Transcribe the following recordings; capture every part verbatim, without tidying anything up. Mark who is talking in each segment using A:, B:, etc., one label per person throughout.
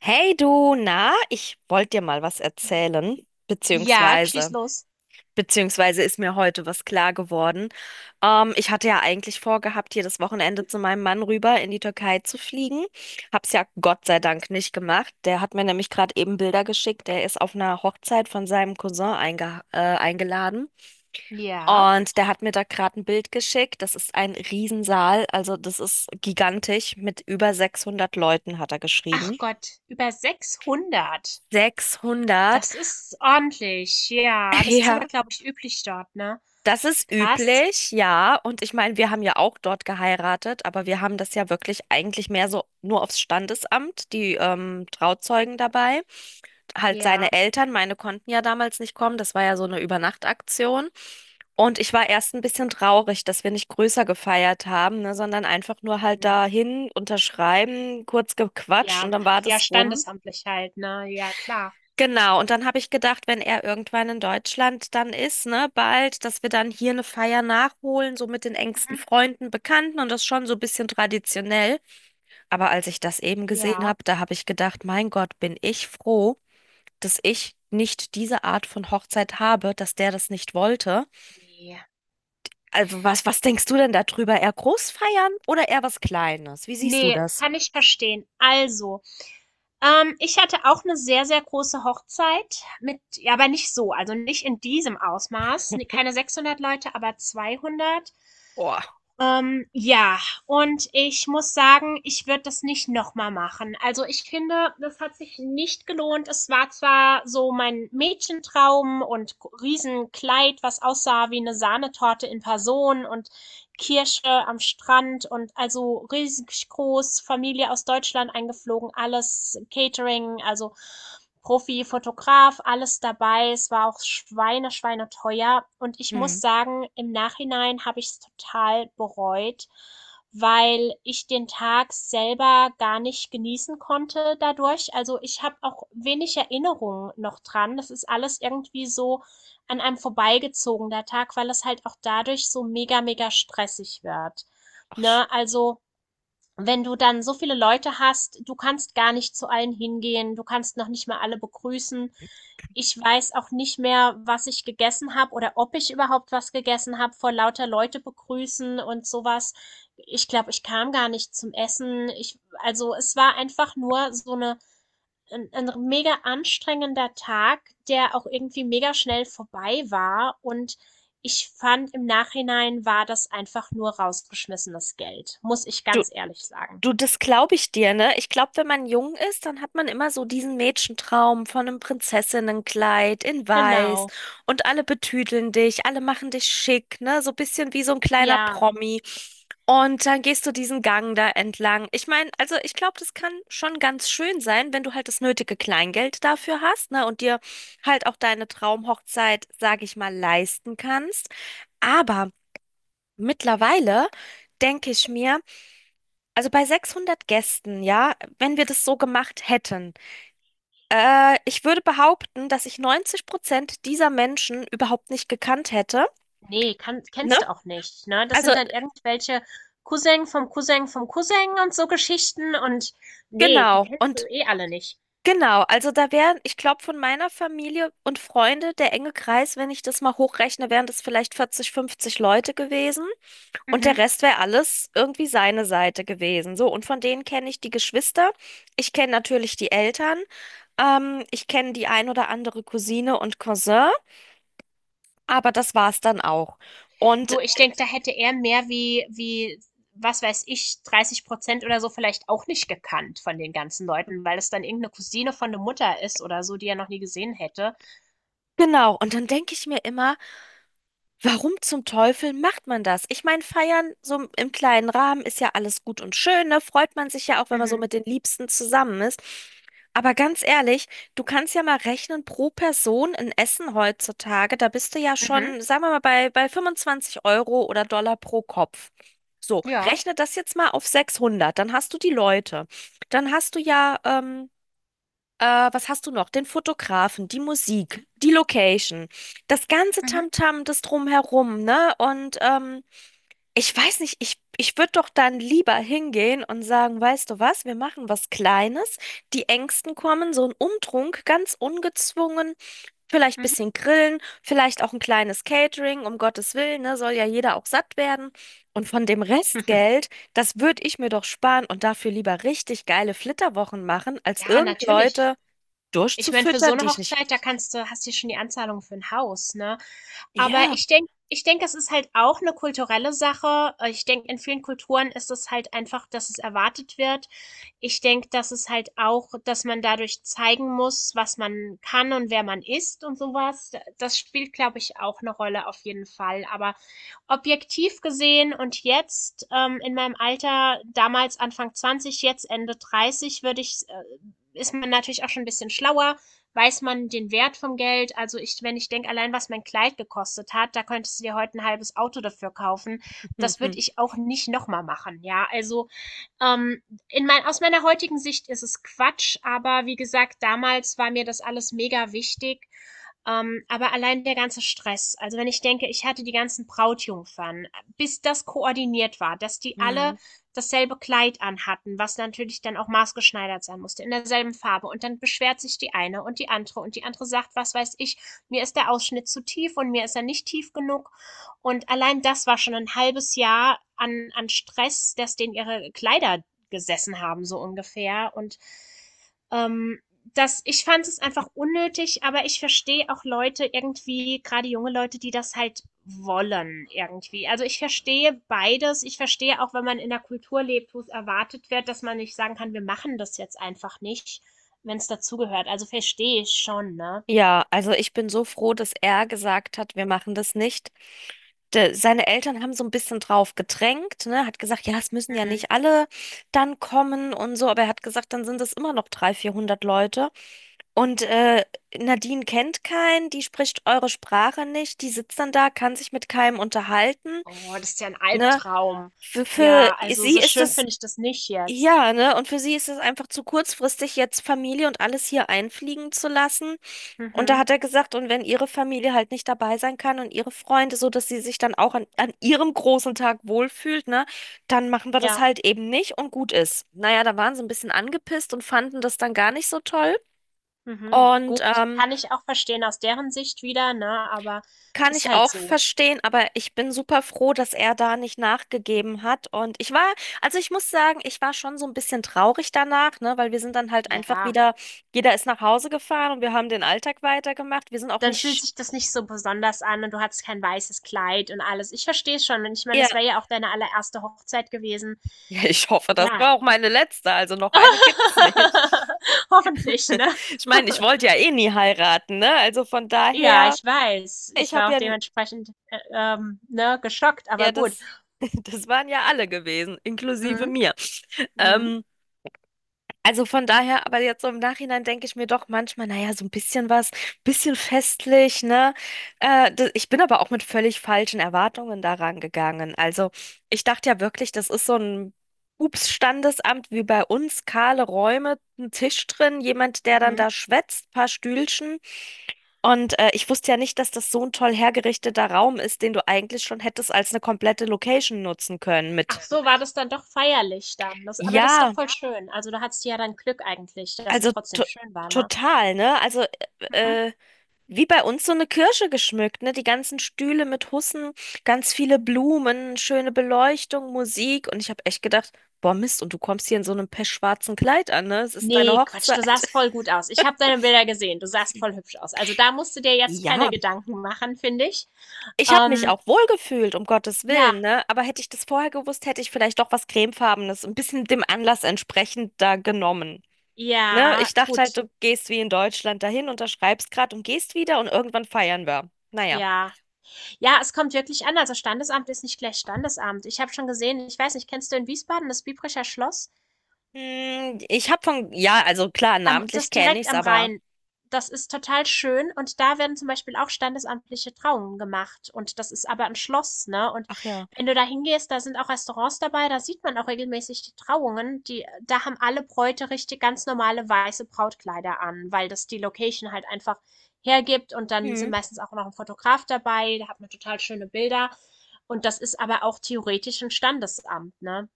A: Hey du, na, ich wollte dir mal was erzählen,
B: Ja, schieß
A: beziehungsweise,
B: los.
A: beziehungsweise ist mir heute was klar geworden. Ähm, ich hatte ja eigentlich vorgehabt, hier das Wochenende zu meinem Mann rüber in die Türkei zu fliegen. Hab's ja Gott sei Dank nicht gemacht. Der hat mir nämlich gerade eben Bilder geschickt. Der ist auf einer Hochzeit von seinem Cousin einge äh, eingeladen.
B: Ja.
A: Und der hat mir da gerade ein Bild geschickt. Das ist ein Riesensaal, also das ist gigantisch. Mit über sechshundert Leuten hat er
B: Ach
A: geschrieben.
B: Gott, über sechshundert.
A: sechshundert.
B: Das ist ordentlich. Ja, das ist
A: Ja,
B: aber, glaube ich, üblich dort, ne?
A: das ist
B: Krass.
A: üblich, ja. Und ich meine, wir haben ja auch dort geheiratet, aber wir haben das ja wirklich eigentlich mehr so nur aufs Standesamt, die ähm, Trauzeugen dabei. Halt
B: Ja.
A: seine Eltern, meine konnten ja damals nicht kommen, das war ja so eine Übernachtaktion. Und ich war erst ein bisschen traurig, dass wir nicht größer gefeiert haben, ne, sondern einfach nur halt
B: Mhm.
A: dahin unterschreiben, kurz gequatscht
B: Ja,
A: und dann war
B: ja,
A: das rum.
B: standesamtlich halt, ne? Ja, klar.
A: Genau, und dann habe ich gedacht, wenn er irgendwann in Deutschland dann ist, ne, bald, dass wir dann hier eine Feier nachholen, so mit den
B: Mhm.
A: engsten Freunden, Bekannten und das schon so ein bisschen traditionell. Aber als ich das eben gesehen
B: Ja.
A: habe, da habe ich gedacht, mein Gott, bin ich froh, dass ich nicht diese Art von Hochzeit habe, dass der das nicht wollte.
B: Nee.
A: Also was, was denkst du denn darüber? Eher groß feiern oder eher was Kleines? Wie siehst du
B: Nee,
A: das?
B: kann ich verstehen. Also, ähm, ich hatte auch eine sehr, sehr große Hochzeit mit, ja, aber nicht so, also nicht in diesem Ausmaß. Nee, keine sechshundert Leute, aber zweihundert.
A: Boah.
B: Ähm, ja, und ich muss sagen, ich würde das nicht noch mal machen. Also, ich finde, das hat sich nicht gelohnt. Es war zwar so mein Mädchentraum und Riesenkleid, was aussah wie eine Sahnetorte in Person und Kirche am Strand und also riesig groß, Familie aus Deutschland eingeflogen, alles Catering, also Profi, Fotograf, alles dabei. Es war auch Schweine, Schweine teuer. Und ich
A: Hm.
B: muss sagen, im Nachhinein habe ich es total bereut, weil ich den Tag selber gar nicht genießen konnte dadurch. Also ich habe auch wenig Erinnerungen noch dran. Das ist alles irgendwie so an einem vorbeigezogener Tag, weil es halt auch dadurch so mega, mega stressig wird.
A: Ach, sch-
B: Ne? Also, wenn du dann so viele Leute hast, du kannst gar nicht zu allen hingehen, du kannst noch nicht mal alle begrüßen. Ich weiß auch nicht mehr, was ich gegessen habe oder ob ich überhaupt was gegessen habe, vor lauter Leute begrüßen und sowas. Ich glaube, ich kam gar nicht zum Essen. Ich, also es war einfach nur so eine ein 'n mega anstrengender Tag, der auch irgendwie mega schnell vorbei war. Und ich fand, im Nachhinein war das einfach nur rausgeschmissenes Geld, muss ich
A: du,
B: ganz ehrlich sagen.
A: Du, das glaube ich dir, ne? Ich glaube, wenn man jung ist, dann hat man immer so diesen Mädchentraum von einem Prinzessinnenkleid in Weiß
B: Genau.
A: und alle betüdeln dich, alle machen dich schick, ne? So ein bisschen wie so ein kleiner
B: Ja,
A: Promi. Und dann gehst du diesen Gang da entlang. Ich meine, also ich glaube, das kann schon ganz schön sein, wenn du halt das nötige Kleingeld dafür hast, ne? Und dir halt auch deine Traumhochzeit, sage ich mal, leisten kannst. Aber mittlerweile denke ich mir, also bei sechshundert Gästen, ja, wenn wir das so gemacht hätten, äh, ich würde behaupten, dass ich neunzig Prozent dieser Menschen überhaupt nicht gekannt hätte,
B: nee, kann
A: ne?
B: kennst du auch nicht, ne? Das
A: Also
B: sind dann irgendwelche Cousin vom Cousin vom Cousin und so Geschichten und nee, die
A: genau
B: kennst du
A: und
B: eh alle nicht.
A: genau, also da wären, ich glaube, von meiner Familie und Freunde der enge Kreis, wenn ich das mal hochrechne, wären das vielleicht vierzig, fünfzig Leute gewesen und der
B: Mhm.
A: Rest wäre alles irgendwie seine Seite gewesen. So, und von denen kenne ich die Geschwister, ich kenne natürlich die Eltern, ähm, ich kenne die ein oder andere Cousine und Cousin. Aber das war's dann auch. Und
B: Du, ich denke, da hätte er mehr wie, wie, was weiß ich, dreißig Prozent oder so vielleicht auch nicht gekannt von den ganzen Leuten, weil es dann irgendeine Cousine von der Mutter ist oder so, die er noch nie gesehen hätte.
A: genau, und dann denke ich mir immer, warum zum Teufel macht man das? Ich meine, feiern so im im kleinen Rahmen ist ja alles gut und schön, ne? Freut man sich ja auch, wenn man so
B: Mhm.
A: mit den Liebsten zusammen ist. Aber ganz ehrlich, du kannst ja mal rechnen, pro Person in Essen heutzutage, da bist du ja
B: Mhm.
A: schon, sagen wir mal, bei, bei fünfundzwanzig Euro oder Dollar pro Kopf. So,
B: Ja.
A: rechne das jetzt mal auf sechshundert, dann hast du die Leute. Dann hast du ja, ähm, Äh, was hast du noch? Den Fotografen, die Musik, die Location, das ganze
B: Mhm.
A: Tamtam, das Drumherum, ne? Und ähm, ich weiß nicht, ich, ich würde doch dann lieber hingehen und sagen, weißt du was, wir machen was Kleines, die Ängsten kommen, so ein Umtrunk, ganz ungezwungen, vielleicht ein
B: Mhm.
A: bisschen grillen, vielleicht auch ein kleines Catering, um Gottes Willen, ne? Soll ja jeder auch satt werden. Und von dem
B: Mhm.
A: Restgeld, das würde ich mir doch sparen und dafür lieber richtig geile Flitterwochen machen, als
B: Ja,
A: irgend
B: natürlich.
A: Leute
B: Ich meine, für so
A: durchzufüttern,
B: eine
A: die ich nicht.
B: Hochzeit, da kannst du, hast du schon die Anzahlung für ein Haus, ne? Aber
A: Ja.
B: ich denke ich denke, es ist halt auch eine kulturelle Sache. Äh, ich denke, in vielen Kulturen ist es halt einfach, dass es erwartet wird. Ich denke, dass es halt auch dass man dadurch zeigen muss, was man kann und wer man ist und sowas. Das spielt, glaube ich, auch eine Rolle auf jeden Fall. Aber objektiv gesehen und jetzt ähm, in meinem Alter, damals Anfang zwanzig, jetzt Ende dreißig, würde ich, äh, ist man natürlich auch schon ein bisschen schlauer, weiß man den Wert vom Geld. Also ich, wenn ich denke, allein was mein Kleid gekostet hat, da könntest du dir heute ein halbes Auto dafür kaufen. Das würde ich auch nicht nochmal machen. Ja, also ähm, in mein, aus meiner heutigen Sicht ist es Quatsch, aber wie gesagt, damals war mir das alles mega wichtig. Ähm, aber allein der ganze Stress, also wenn ich denke, ich hatte die ganzen Brautjungfern, bis das koordiniert war, dass die alle
A: Mhm.
B: dasselbe Kleid anhatten, was natürlich dann auch maßgeschneidert sein musste, in derselben Farbe. Und dann beschwert sich die eine und die andere und die andere sagt, was weiß ich, mir ist der Ausschnitt zu tief und mir ist er nicht tief genug. Und allein das war schon ein halbes Jahr an, an Stress, das denen ihre Kleider gesessen haben, so ungefähr. Und ähm, das ich fand es einfach unnötig, aber ich verstehe auch Leute irgendwie, gerade junge Leute, die das halt wollen irgendwie. Also, ich verstehe beides. Ich verstehe auch, wenn man in 'ner Kultur lebt, wo es erwartet wird, dass man nicht sagen kann: „Wir machen das jetzt einfach nicht“, wenn wenn's dazugehört. Also, verstehe ich schon, ne?
A: Ja, also ich bin so froh, dass er gesagt hat, wir machen das nicht. De, seine Eltern haben so ein bisschen drauf gedrängt, ne, hat gesagt, ja, es müssen ja
B: Mhm.
A: nicht alle dann kommen und so, aber er hat gesagt, dann sind es immer noch dreihundert, vierhundert Leute. Und äh, Nadine kennt keinen, die spricht eure Sprache nicht, die sitzt dann da, kann sich mit keinem unterhalten,
B: Oh, das ist ja ein
A: ne.
B: Albtraum.
A: Für, für
B: Ja, also,
A: sie
B: so
A: ist
B: schön
A: es
B: finde ich das nicht jetzt.
A: Ja, ne? Und für sie ist es einfach zu kurzfristig, jetzt Familie und alles hier einfliegen zu lassen. Und da
B: Mhm.
A: hat er gesagt, und wenn ihre Familie halt nicht dabei sein kann und ihre Freunde, so dass sie sich dann auch an, an ihrem großen Tag wohlfühlt, ne, dann machen wir das
B: Ja,
A: halt eben nicht und gut ist. Naja, da waren sie ein bisschen angepisst und fanden das dann gar nicht so toll.
B: mhm.
A: Und
B: Gut.
A: ähm,
B: Kann ich auch verstehen aus deren Sicht wieder, ne, aber
A: Kann
B: ist
A: ich
B: halt
A: auch
B: so.
A: verstehen, aber ich bin super froh, dass er da nicht nachgegeben hat. Und ich war, also ich muss sagen, ich war schon so ein bisschen traurig danach, ne, weil wir sind dann halt einfach
B: Ja,
A: wieder, jeder ist nach Hause gefahren und wir haben den Alltag weitergemacht. Wir sind auch
B: dann fühlt
A: nicht,
B: sich das nicht so besonders an und du hattest kein weißes Kleid und alles. Ich verstehe es schon und ich meine,
A: ja,
B: das wäre ja auch deine allererste Hochzeit gewesen.
A: ja, ich hoffe, das
B: Ja.
A: war auch meine letzte, also noch eine gibt's nicht.
B: Hoffentlich, ne?
A: Ich meine, ich wollte ja eh nie heiraten, ne? Also von
B: Ja,
A: daher,
B: ich weiß.
A: ich
B: Ich war
A: habe
B: auch
A: ja, n-
B: dementsprechend, äh, ähm, ne, geschockt, aber
A: ja,
B: gut.
A: das, das waren ja alle gewesen, inklusive
B: Mhm.
A: mir.
B: Mhm.
A: Ähm, Also von daher, aber jetzt so im Nachhinein denke ich mir doch manchmal, naja, so ein bisschen was, bisschen festlich, ne? Äh, da- ich bin aber auch mit völlig falschen Erwartungen daran gegangen. Also ich dachte ja wirklich, das ist so ein Ups-Standesamt wie bei uns, kahle Räume, ein Tisch drin, jemand, der dann
B: Mhm.
A: da schwätzt, paar Stühlchen. Und äh, ich wusste ja nicht, dass das so ein toll hergerichteter Raum ist, den du eigentlich schon hättest als eine komplette Location nutzen können
B: Ach
A: mit.
B: so, war das dann doch feierlich dann. Das, aber das ist doch
A: Ja,
B: voll schön. Also, da hattest du ja dann Glück eigentlich, dass es
A: also
B: trotzdem
A: to
B: schön war, ne?
A: total, ne? Also.
B: Mhm.
A: äh, äh, Wie bei uns so eine Kirche geschmückt, ne? Die ganzen Stühle mit Hussen, ganz viele Blumen, schöne Beleuchtung, Musik. Und ich habe echt gedacht, boah, Mist, und du kommst hier in so einem pechschwarzen Kleid an, ne? Es ist deine
B: Nee, Quatsch, du
A: Hochzeit.
B: sahst voll gut aus. Ich habe deine Bilder gesehen. Du sahst voll hübsch aus. Also, da musst du dir jetzt
A: Ja,
B: keine Gedanken machen, finde ich.
A: ich habe mich
B: Ähm,
A: auch wohlgefühlt, um Gottes
B: ja,
A: Willen, ne? Aber hätte ich das vorher gewusst, hätte ich vielleicht doch was Cremefarbenes, ein bisschen dem Anlass entsprechend da genommen. Ne?
B: ja,
A: Ich dachte halt,
B: gut,
A: du gehst wie in Deutschland dahin, unterschreibst grad und gehst wieder und irgendwann feiern wir. Naja.
B: ja. Ja, es kommt wirklich an. Also, Standesamt ist nicht gleich Standesamt. Ich habe schon gesehen. Ich weiß nicht, kennst du in Wiesbaden das Biebricher Schloss?
A: Hm, ich habe von, ja, also klar,
B: Am,
A: namentlich
B: das
A: kenne
B: direkt
A: ich's,
B: am
A: aber
B: Rhein. Das ist total schön und da werden zum Beispiel auch standesamtliche Trauungen gemacht und das ist aber ein Schloss, ne? Und
A: ach ja.
B: wenn du da hingehst, da sind auch Restaurants dabei, da sieht man auch regelmäßig die Trauungen, die, da haben alle Bräute richtig ganz normale weiße Brautkleider an, weil das die Location halt einfach hergibt und dann sind
A: Hm.
B: meistens auch noch ein Fotograf dabei, da hat man total schöne Bilder und das ist aber auch theoretisch ein Standesamt, ne?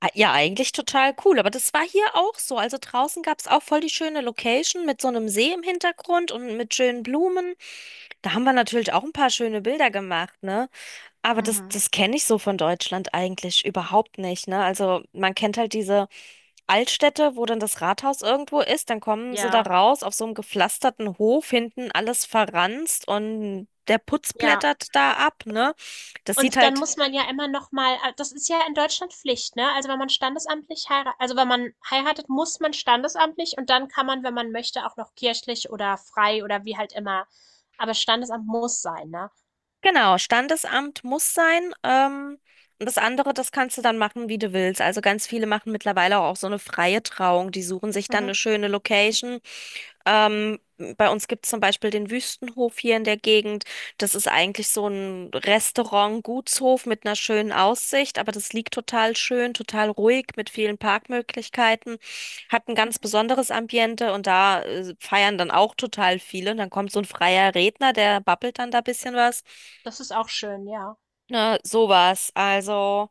A: Ah, ja, eigentlich total cool, aber das war hier auch so. Also draußen gab's auch voll die schöne Location mit so einem See im Hintergrund und mit schönen Blumen. Da haben wir natürlich auch ein paar schöne Bilder gemacht, ne? Aber das,
B: Mhm.
A: das kenne ich so von Deutschland eigentlich überhaupt nicht, ne? Also man kennt halt diese Altstädte, wo dann das Rathaus irgendwo ist, dann kommen sie da
B: Ja,
A: raus auf so einem gepflasterten Hof, hinten alles verranzt und der Putz
B: ja.
A: blättert da ab, ne? Das sieht
B: Und dann
A: halt,
B: muss man ja immer noch mal ah, das ist ja in Deutschland Pflicht, ne? Also, wenn man standesamtlich heira also, wenn man heiratet, muss man standesamtlich und dann kann man, wenn man möchte, auch noch kirchlich oder frei oder wie halt immer. Aber Standesamt muss sein, ne?
A: genau, Standesamt muss sein. Ähm, und das andere, das kannst du dann machen, wie du willst. Also ganz viele machen mittlerweile auch so eine freie Trauung. Die suchen sich dann
B: Mhm,
A: eine schöne Location. Ähm, bei uns gibt es zum Beispiel den Wüstenhof hier in der Gegend. Das ist eigentlich so ein Restaurant, Gutshof mit einer schönen Aussicht, aber das liegt total schön, total ruhig mit vielen Parkmöglichkeiten, hat ein ganz
B: mhm.
A: besonderes Ambiente und da äh, feiern dann auch total viele. Und dann kommt so ein freier Redner, der babbelt dann da ein bisschen was.
B: Das ist auch schön, ja.
A: Ne, sowas. Also,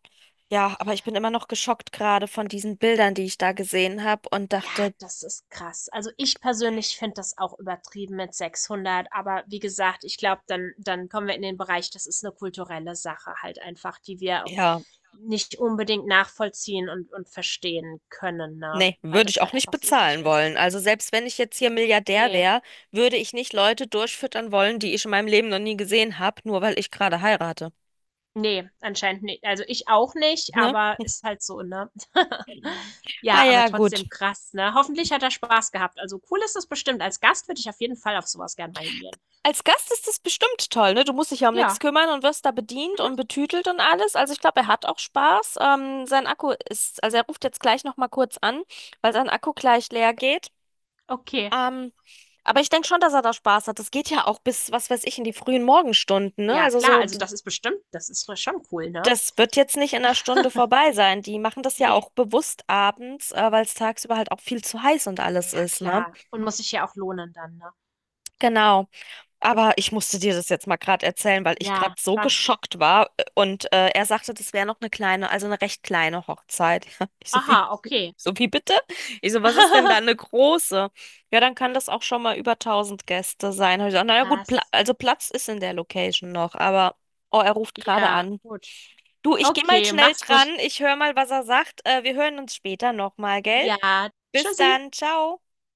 A: ja, aber ich bin immer noch geschockt gerade von diesen Bildern, die ich da gesehen habe und
B: Ja,
A: dachte,
B: das ist krass. Also, ich persönlich finde das auch übertrieben mit sechshundert, aber wie gesagt, ich glaube, dann dann kommen wir in den Bereich, das ist eine kulturelle Sache halt einfach, die wir auch
A: ja.
B: nicht unbedingt nachvollziehen und und verstehen können, ne,
A: Nee,
B: weil
A: würde ich
B: das
A: auch
B: halt
A: nicht
B: einfach so üblich
A: bezahlen
B: ist.
A: wollen. Also selbst wenn ich jetzt hier Milliardär
B: Ne,
A: wäre, würde ich nicht Leute durchfüttern wollen, die ich in meinem Leben noch nie gesehen habe, nur weil ich gerade heirate.
B: ne, anscheinend nicht. Also, ich auch nicht,
A: Ne?
B: aber ist halt so, ne?
A: Mhm. Ah
B: Ja, aber
A: ja, gut.
B: trotzdem krass, ne? Hoffentlich hat er Spaß gehabt. Also, cool ist es bestimmt. Als Gast würde ich auf jeden Fall auf sowas was gern mal hingehen.
A: Als Gast ist das bestimmt toll, ne? Du musst dich ja um nichts
B: Ja,
A: kümmern und wirst da bedient
B: mhm,
A: und betütelt und alles. Also ich glaube, er hat auch Spaß. Ähm, sein Akku ist, also er ruft jetzt gleich nochmal kurz an, weil sein Akku gleich leer geht.
B: okay.
A: Ähm, aber ich denke schon, dass er da Spaß hat. Das geht ja auch bis, was weiß ich, in die frühen Morgenstunden, ne?
B: Ja
A: Also
B: klar,
A: so
B: also das ist bestimmt das ist doch schon cool, ne?
A: das wird jetzt nicht in einer Stunde vorbei sein. Die machen das
B: Ja.
A: ja
B: Ne.
A: auch bewusst abends, äh, weil es tagsüber halt auch viel zu heiß und alles
B: Ja
A: ist, ne?
B: klar. Und muss sich ja auch lohnen dann, ne?
A: Genau. Aber ich musste dir das jetzt mal gerade erzählen, weil ich gerade
B: Ja,
A: so
B: krass.
A: geschockt war. äh, Und äh, er sagte, das wäre noch eine kleine, also eine recht kleine Hochzeit. Ich so, wie,
B: Aha, okay.
A: so wie bitte? Ich so, was ist denn da eine große? Ja, dann kann das auch schon mal über tausend Gäste sein. Hab Ich so, naja, gut, Pla
B: Krass.
A: also Platz ist in der Location noch, aber oh, er ruft gerade
B: Ja,
A: an.
B: gut.
A: Du, ich gehe mal
B: Okay,
A: schnell
B: mach's
A: dran.
B: gut.
A: Ich höre mal, was er sagt. Äh, wir hören uns später nochmal, gell?
B: Ja,
A: Bis
B: tschüssi.
A: dann. Ciao.